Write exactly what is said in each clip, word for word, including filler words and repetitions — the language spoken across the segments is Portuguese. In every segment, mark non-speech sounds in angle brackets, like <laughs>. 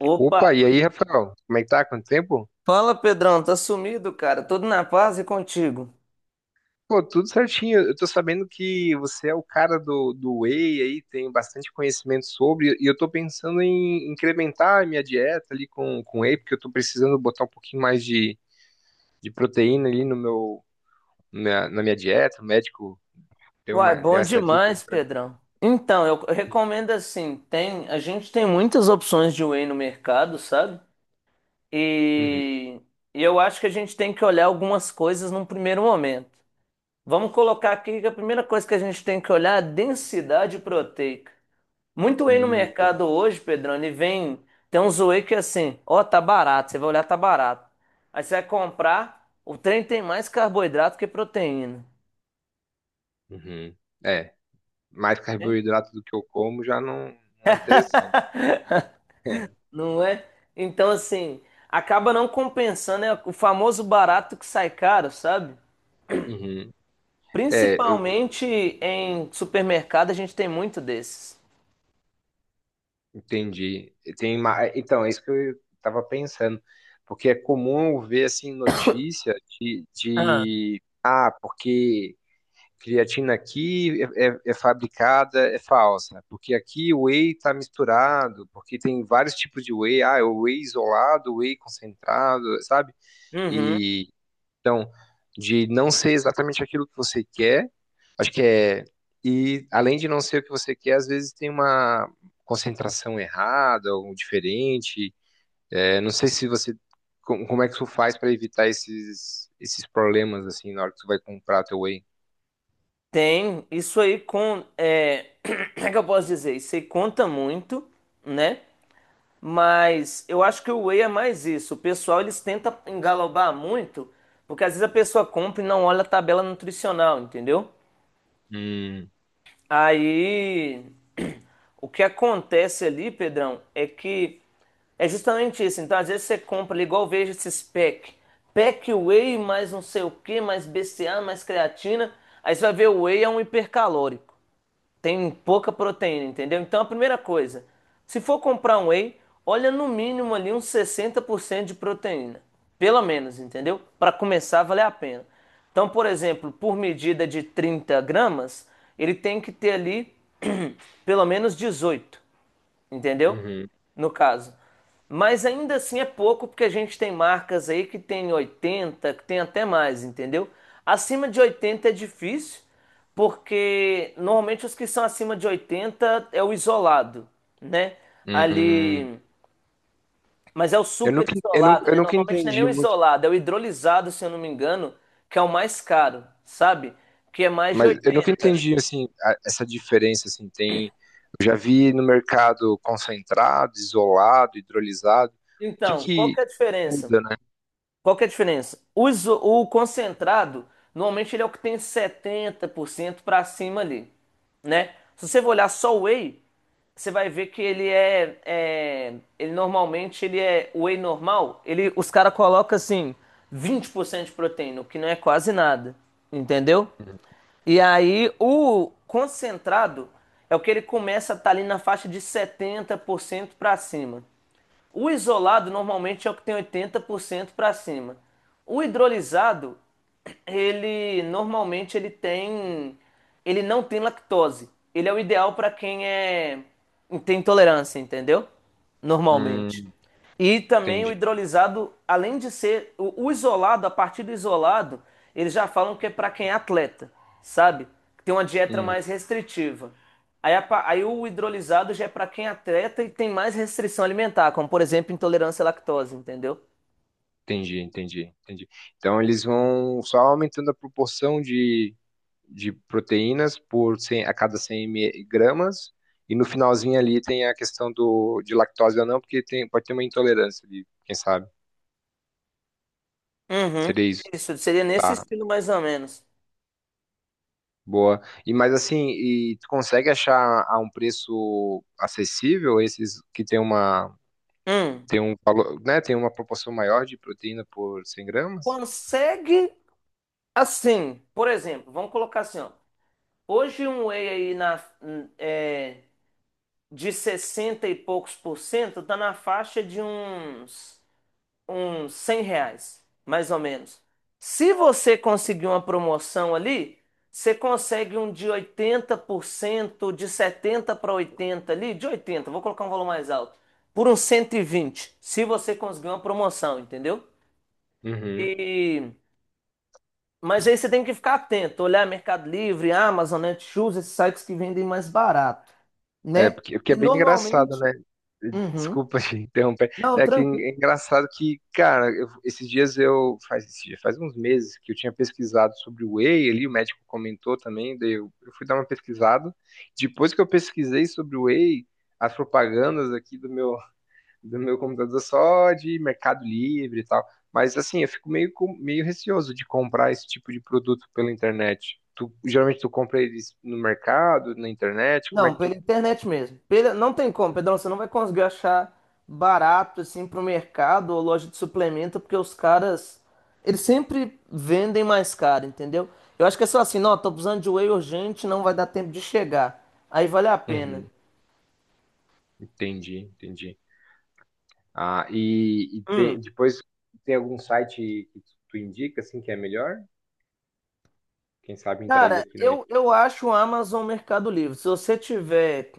Opa! Opa, e aí, Rafael? Como é que tá? Quanto tempo? Fala, Pedrão, tá sumido, cara? Tudo na paz e contigo? Pô, tudo certinho. Eu tô sabendo que você é o cara do, do whey aí, tem bastante conhecimento sobre, e eu tô pensando em incrementar a minha dieta ali com, com whey, porque eu tô precisando botar um pouquinho mais de, de proteína ali no meu, na, minha na minha dieta. O médico deu Uai, uma, deu bom essa dica aí demais, pra Pedrão. Então, eu eu recomendo assim, tem, a gente tem muitas opções de whey no mercado, sabe? mim. Uhum. E, e eu acho que a gente tem que olhar algumas coisas num primeiro momento. Vamos colocar aqui que a primeira coisa que a gente tem que olhar é a densidade proteica. Muito whey no Hum, boa. mercado hoje, Pedrão, e vem. Tem uns whey que é assim, ó, tá barato. Você vai olhar, tá barato. Aí você vai comprar, o trem tem mais carboidrato que proteína, Uhum. É, mais né? carboidrato do que eu como já não, não é interessante. <laughs> É. Não é? Então, assim, acaba não compensando, é o famoso barato que sai caro, sabe? Uhum. É, Principalmente em supermercado, a gente tem muito desses. entendi. E tem, ma- é, então, é isso que eu estava pensando, porque é comum eu ver assim notícia de, Ah, de ah, porque creatina aqui é, é- é fabricada, é falsa, porque aqui o whey está misturado, porque tem vários tipos de whey, ah, é o whey isolado, o whey concentrado, sabe? uhum. Então, de não ser exatamente aquilo que você quer, acho que é. E além de não ser o que você quer, às vezes tem uma concentração errada ou diferente. É, não sei se você. com- Como é que tu faz para evitar esses, esses problemas, assim, na hora que tu vai comprar teu whey? Tem isso aí com. É... <clears throat> Como é que eu posso dizer? Isso aí conta muito, né? Mas eu acho que o whey é mais isso. O pessoal eles tentam engalobar muito, porque às vezes a pessoa compra e não olha a tabela nutricional, entendeu? Hum, Aí o que acontece ali, Pedrão, é que é justamente isso. Então às vezes você compra ali, igual eu vejo esses pack, pack whey mais não sei o que, mais B C A, mais creatina. Aí você vai ver o whey é um hipercalórico, tem pouca proteína, entendeu? Então a primeira coisa, se for comprar um whey, olha no mínimo ali uns sessenta por cento de proteína, pelo menos, entendeu? Para começar a valer a pena. Então, por exemplo, por medida de trinta gramas, ele tem que ter ali <clears throat> <coughs> pelo menos dezoito, entendeu? uhum, No caso. Mas ainda assim é pouco, porque a gente tem marcas aí que tem oitenta, que tem até mais, entendeu? Acima de oitenta é difícil, porque normalmente os que são acima de oitenta é o isolado, né? uhum. Ali. Mas é o Eu super nunca, eu isolado, nunca, eu né? nunca Normalmente não é nem entendi o muito. isolado, é o hidrolisado, se eu não me engano, que é o mais caro, sabe? Que é mais de Mas eu nunca oitenta. entendi assim a- essa diferença assim tem eu já vi no mercado concentrado, isolado, hidrolisado. O que Então, qual que que é a diferença? muda, né? Qual que é a diferença? O, iso- o concentrado, normalmente ele é o que tem setenta por cento para cima ali, né? Se você for olhar só o whey, você vai ver que ele é, é- ele normalmente ele é o whey normal, ele os caras colocam assim vinte por cento de proteína, o que não é quase nada, entendeu? E aí o concentrado é o que ele começa a estar ali na faixa de setenta por cento para cima. O isolado normalmente é o que tem oitenta por cento para cima. O hidrolisado, ele normalmente ele tem, ele não tem lactose. Ele é o ideal para quem é tem intolerância, entendeu? Normalmente. Hum, E também o entendi. hidrolisado, além de ser o, o isolado, a partir do isolado, eles já falam que é para quem é atleta, sabe? Tem uma dieta Hum, mais restritiva. Aí, a pa- aí o hidrolisado já é para quem é atleta e tem mais restrição alimentar, como por exemplo intolerância à lactose, entendeu? entendi, entendi, entendi. Então eles vão só aumentando a proporção de, de proteínas por cem, a cada cem mililitros gramas e no finalzinho ali tem a questão do de lactose ou não, porque tem, pode ter uma intolerância ali, quem sabe. Uhum. Seria isso, Isso seria nesse tá? estilo mais ou menos. Boa. E mas assim, e tu consegue achar a um preço acessível esses que tem uma Hum. tem um valor, né, tem uma proporção maior de proteína por cem gramas? Consegue assim, por exemplo, vamos colocar assim, ó. Hoje um whey aí na, hum, é, de sessenta e poucos por cento, tá na faixa de uns, uns cem reais, mais ou menos. Se você conseguir uma promoção ali, você consegue um de oitenta por cento, de setenta para oitenta ali, de oitenta vou colocar um valor mais alto, por uns cento e vinte se você conseguir uma promoção, entendeu? Uhum. E mas aí você tem que ficar atento, olhar Mercado Livre, Amazon, Netshoes, esses sites que vendem mais barato, É né? porque, porque é E bem engraçado, normalmente, né? <laughs> uhum. Desculpa te interromper. Não, É que tranquilo. é engraçado que, cara, eu- esses dias eu faz esses dias, faz uns meses que eu tinha pesquisado sobre o whey, ali o médico comentou também, daí eu, eu fui dar uma pesquisada. Depois que eu pesquisei sobre o whey, as propagandas aqui do meu do meu computador só de Mercado Livre e tal. Mas assim, eu fico meio, com- meio receoso de comprar esse tipo de produto pela internet. Tu, geralmente tu compra eles no mercado, na internet, como é Não, que pela tu... internet mesmo. Pela... Não tem como, Pedrão, você não vai conseguir achar barato assim pro mercado ou loja de suplemento, porque os caras, eles sempre vendem mais caro, entendeu? Eu acho que é só assim, não, tô precisando de whey urgente, não vai dar tempo de chegar. Aí vale a pena. Uhum, entendi, entendi. Ah, e, e tem, Hum. depois tem algum site que tu, tu indica, assim, que é melhor? Quem sabe entrega Cara, aqui na minha... eu, eu acho o Amazon um Mercado Livre. Se você tiver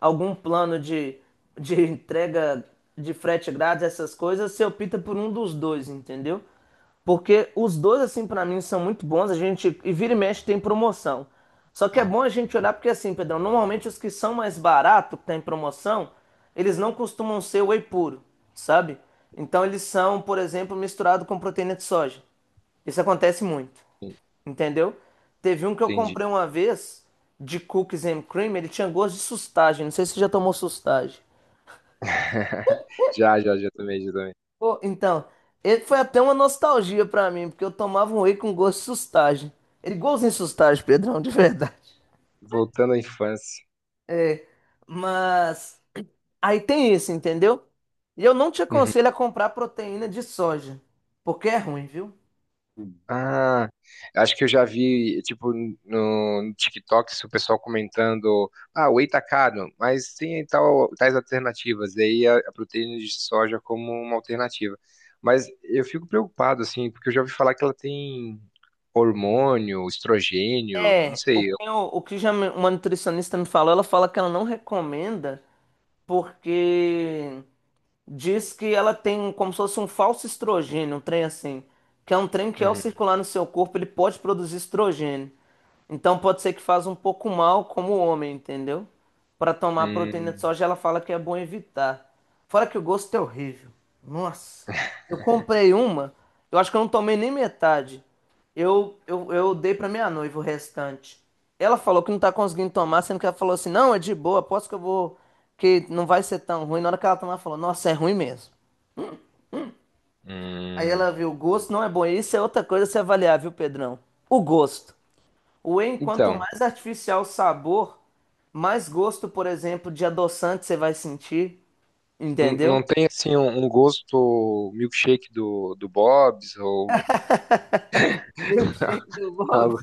algum plano de, de <laughs> entrega, de frete grátis, essas coisas, você opta por um dos dois, entendeu? Porque os dois, assim, pra mim, são muito bons. A gente, e vira e mexe, tem promoção. Só que é Ah, bom a gente olhar, porque assim, Pedrão, normalmente os que são mais baratos, que tá em promoção, eles não costumam ser whey puro, sabe? Então eles são, por exemplo, misturado com proteína de soja. Isso acontece muito. Entendeu? Teve um que eu entendi. comprei uma vez de cookies and cream, ele tinha gosto de sustagem. Não sei se você já tomou sustagem. <laughs> Já, já, já também, já também. Pô, então, ele foi até uma nostalgia pra mim, porque eu tomava um whey com gosto de sustagem. Ele igualzinho sustagem, Pedrão, de verdade. Voltando à infância. É, mas aí tem isso, entendeu? E eu não te aconselho a comprar proteína de soja, porque é ruim, viu? Ah, acho que eu já vi, tipo, no, no TikTok, o pessoal comentando, ah, o whey tá caro, mas tem tal, tais alternativas, e aí a, a proteína de soja como uma alternativa. Mas eu fico preocupado, assim, porque eu já ouvi falar que ela tem hormônio, estrogênio, não É, o sei. eu- que, eu- o que já me- uma nutricionista me falou, ela fala que ela não recomenda porque diz que ela tem como se fosse um falso estrogênio, um trem assim, que é um trem que ao Uhum. circular no seu corpo ele pode produzir estrogênio. Então pode ser que faz um pouco mal como o homem, entendeu? Para tomar proteína de Hum, soja, ela fala que é bom evitar. Fora que o gosto é horrível. Nossa. Eu comprei uma, eu acho que eu não tomei nem metade. Eu, eu, eu dei pra minha noiva o restante. Ela falou que não tá conseguindo tomar, sendo que ela falou assim: não, é de boa, aposto que eu vou. Que não vai ser tão ruim. Na hora que ela tomar, ela falou: nossa, é ruim mesmo. Aí hum. ela viu: o gosto não é bom. E isso é outra coisa a se avaliar, viu, Pedrão? O gosto. O whey, quanto Então, mais artificial o sabor, mais gosto, por exemplo, de adoçante você vai sentir. n- Entendeu? não tem, assim, um, um gosto milkshake do, do Bob's ou <laughs> Milkshake do Bob. algo,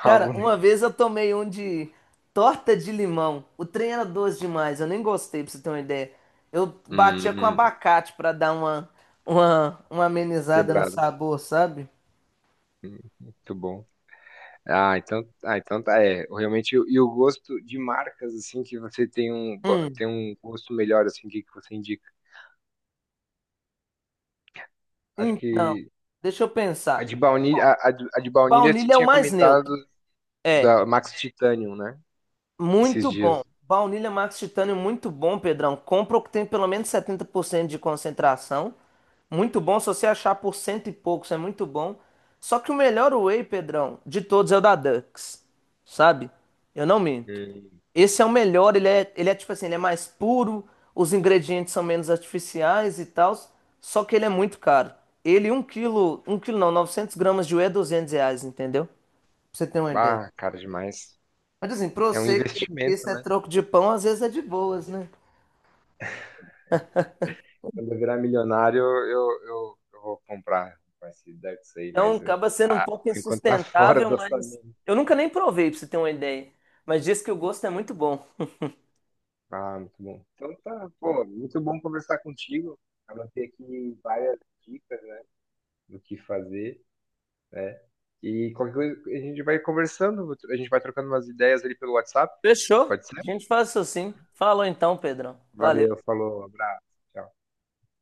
Cara, algo... uma vez eu tomei um de torta de limão. O trem era doce demais, eu nem gostei, pra você ter uma ideia. Eu batia com Hum. abacate pra dar uma, uma, uma amenizada no Quebrado. sabor, sabe? Hum, Muito bom. Ah, então, ah, então tá, é, realmente, e o gosto de marcas, assim, que você tem um, go- Hum, tem um gosto melhor, assim, o que, que você indica? Acho então, que deixa eu a pensar. de baunilha, a, a de a de baunilha você Baunilha é o tinha mais comentado neutro. É. da Max Titanium, né? Esses Muito bom. dias. Baunilha Max Titânio, muito bom, Pedrão. Compra o que tem pelo menos setenta por cento de concentração. Muito bom se você achar por cento e poucos, é muito bom. Só que o melhor whey, Pedrão, de todos é o da Dux, sabe? Eu não minto. Hum, Esse é o melhor, ele é, ele é tipo assim, ele é mais puro, os ingredientes são menos artificiais e tal, só que ele é muito caro. Ele, um quilo, um quilo não, novecentos gramas de whey é duzentos reais, entendeu? Pra você ter uma ideia. ah, cara, demais. Mas assim, pra É um você que que investimento, isso é né? troco de pão, às vezes é de boas, né? Quando eu virar milionário, eu, eu, eu vou comprar, vai se dar isso aí, Então mas acaba sendo um ah, pouco por enquanto tá fora insustentável, do mas orçamento. eu nunca nem provei, pra você ter uma ideia. Mas diz que o gosto é muito bom. Ah, muito bom. Então tá, pô, muito bom conversar contigo. Anotei aqui várias dicas, né, do que fazer, né? E qualquer coisa a gente vai conversando, a gente vai trocando umas ideias ali pelo WhatsApp, Fechou? pode ser? A gente faz isso sim. Falou então, Pedrão. Valeu, Valeu. falou, abraço. Tchau.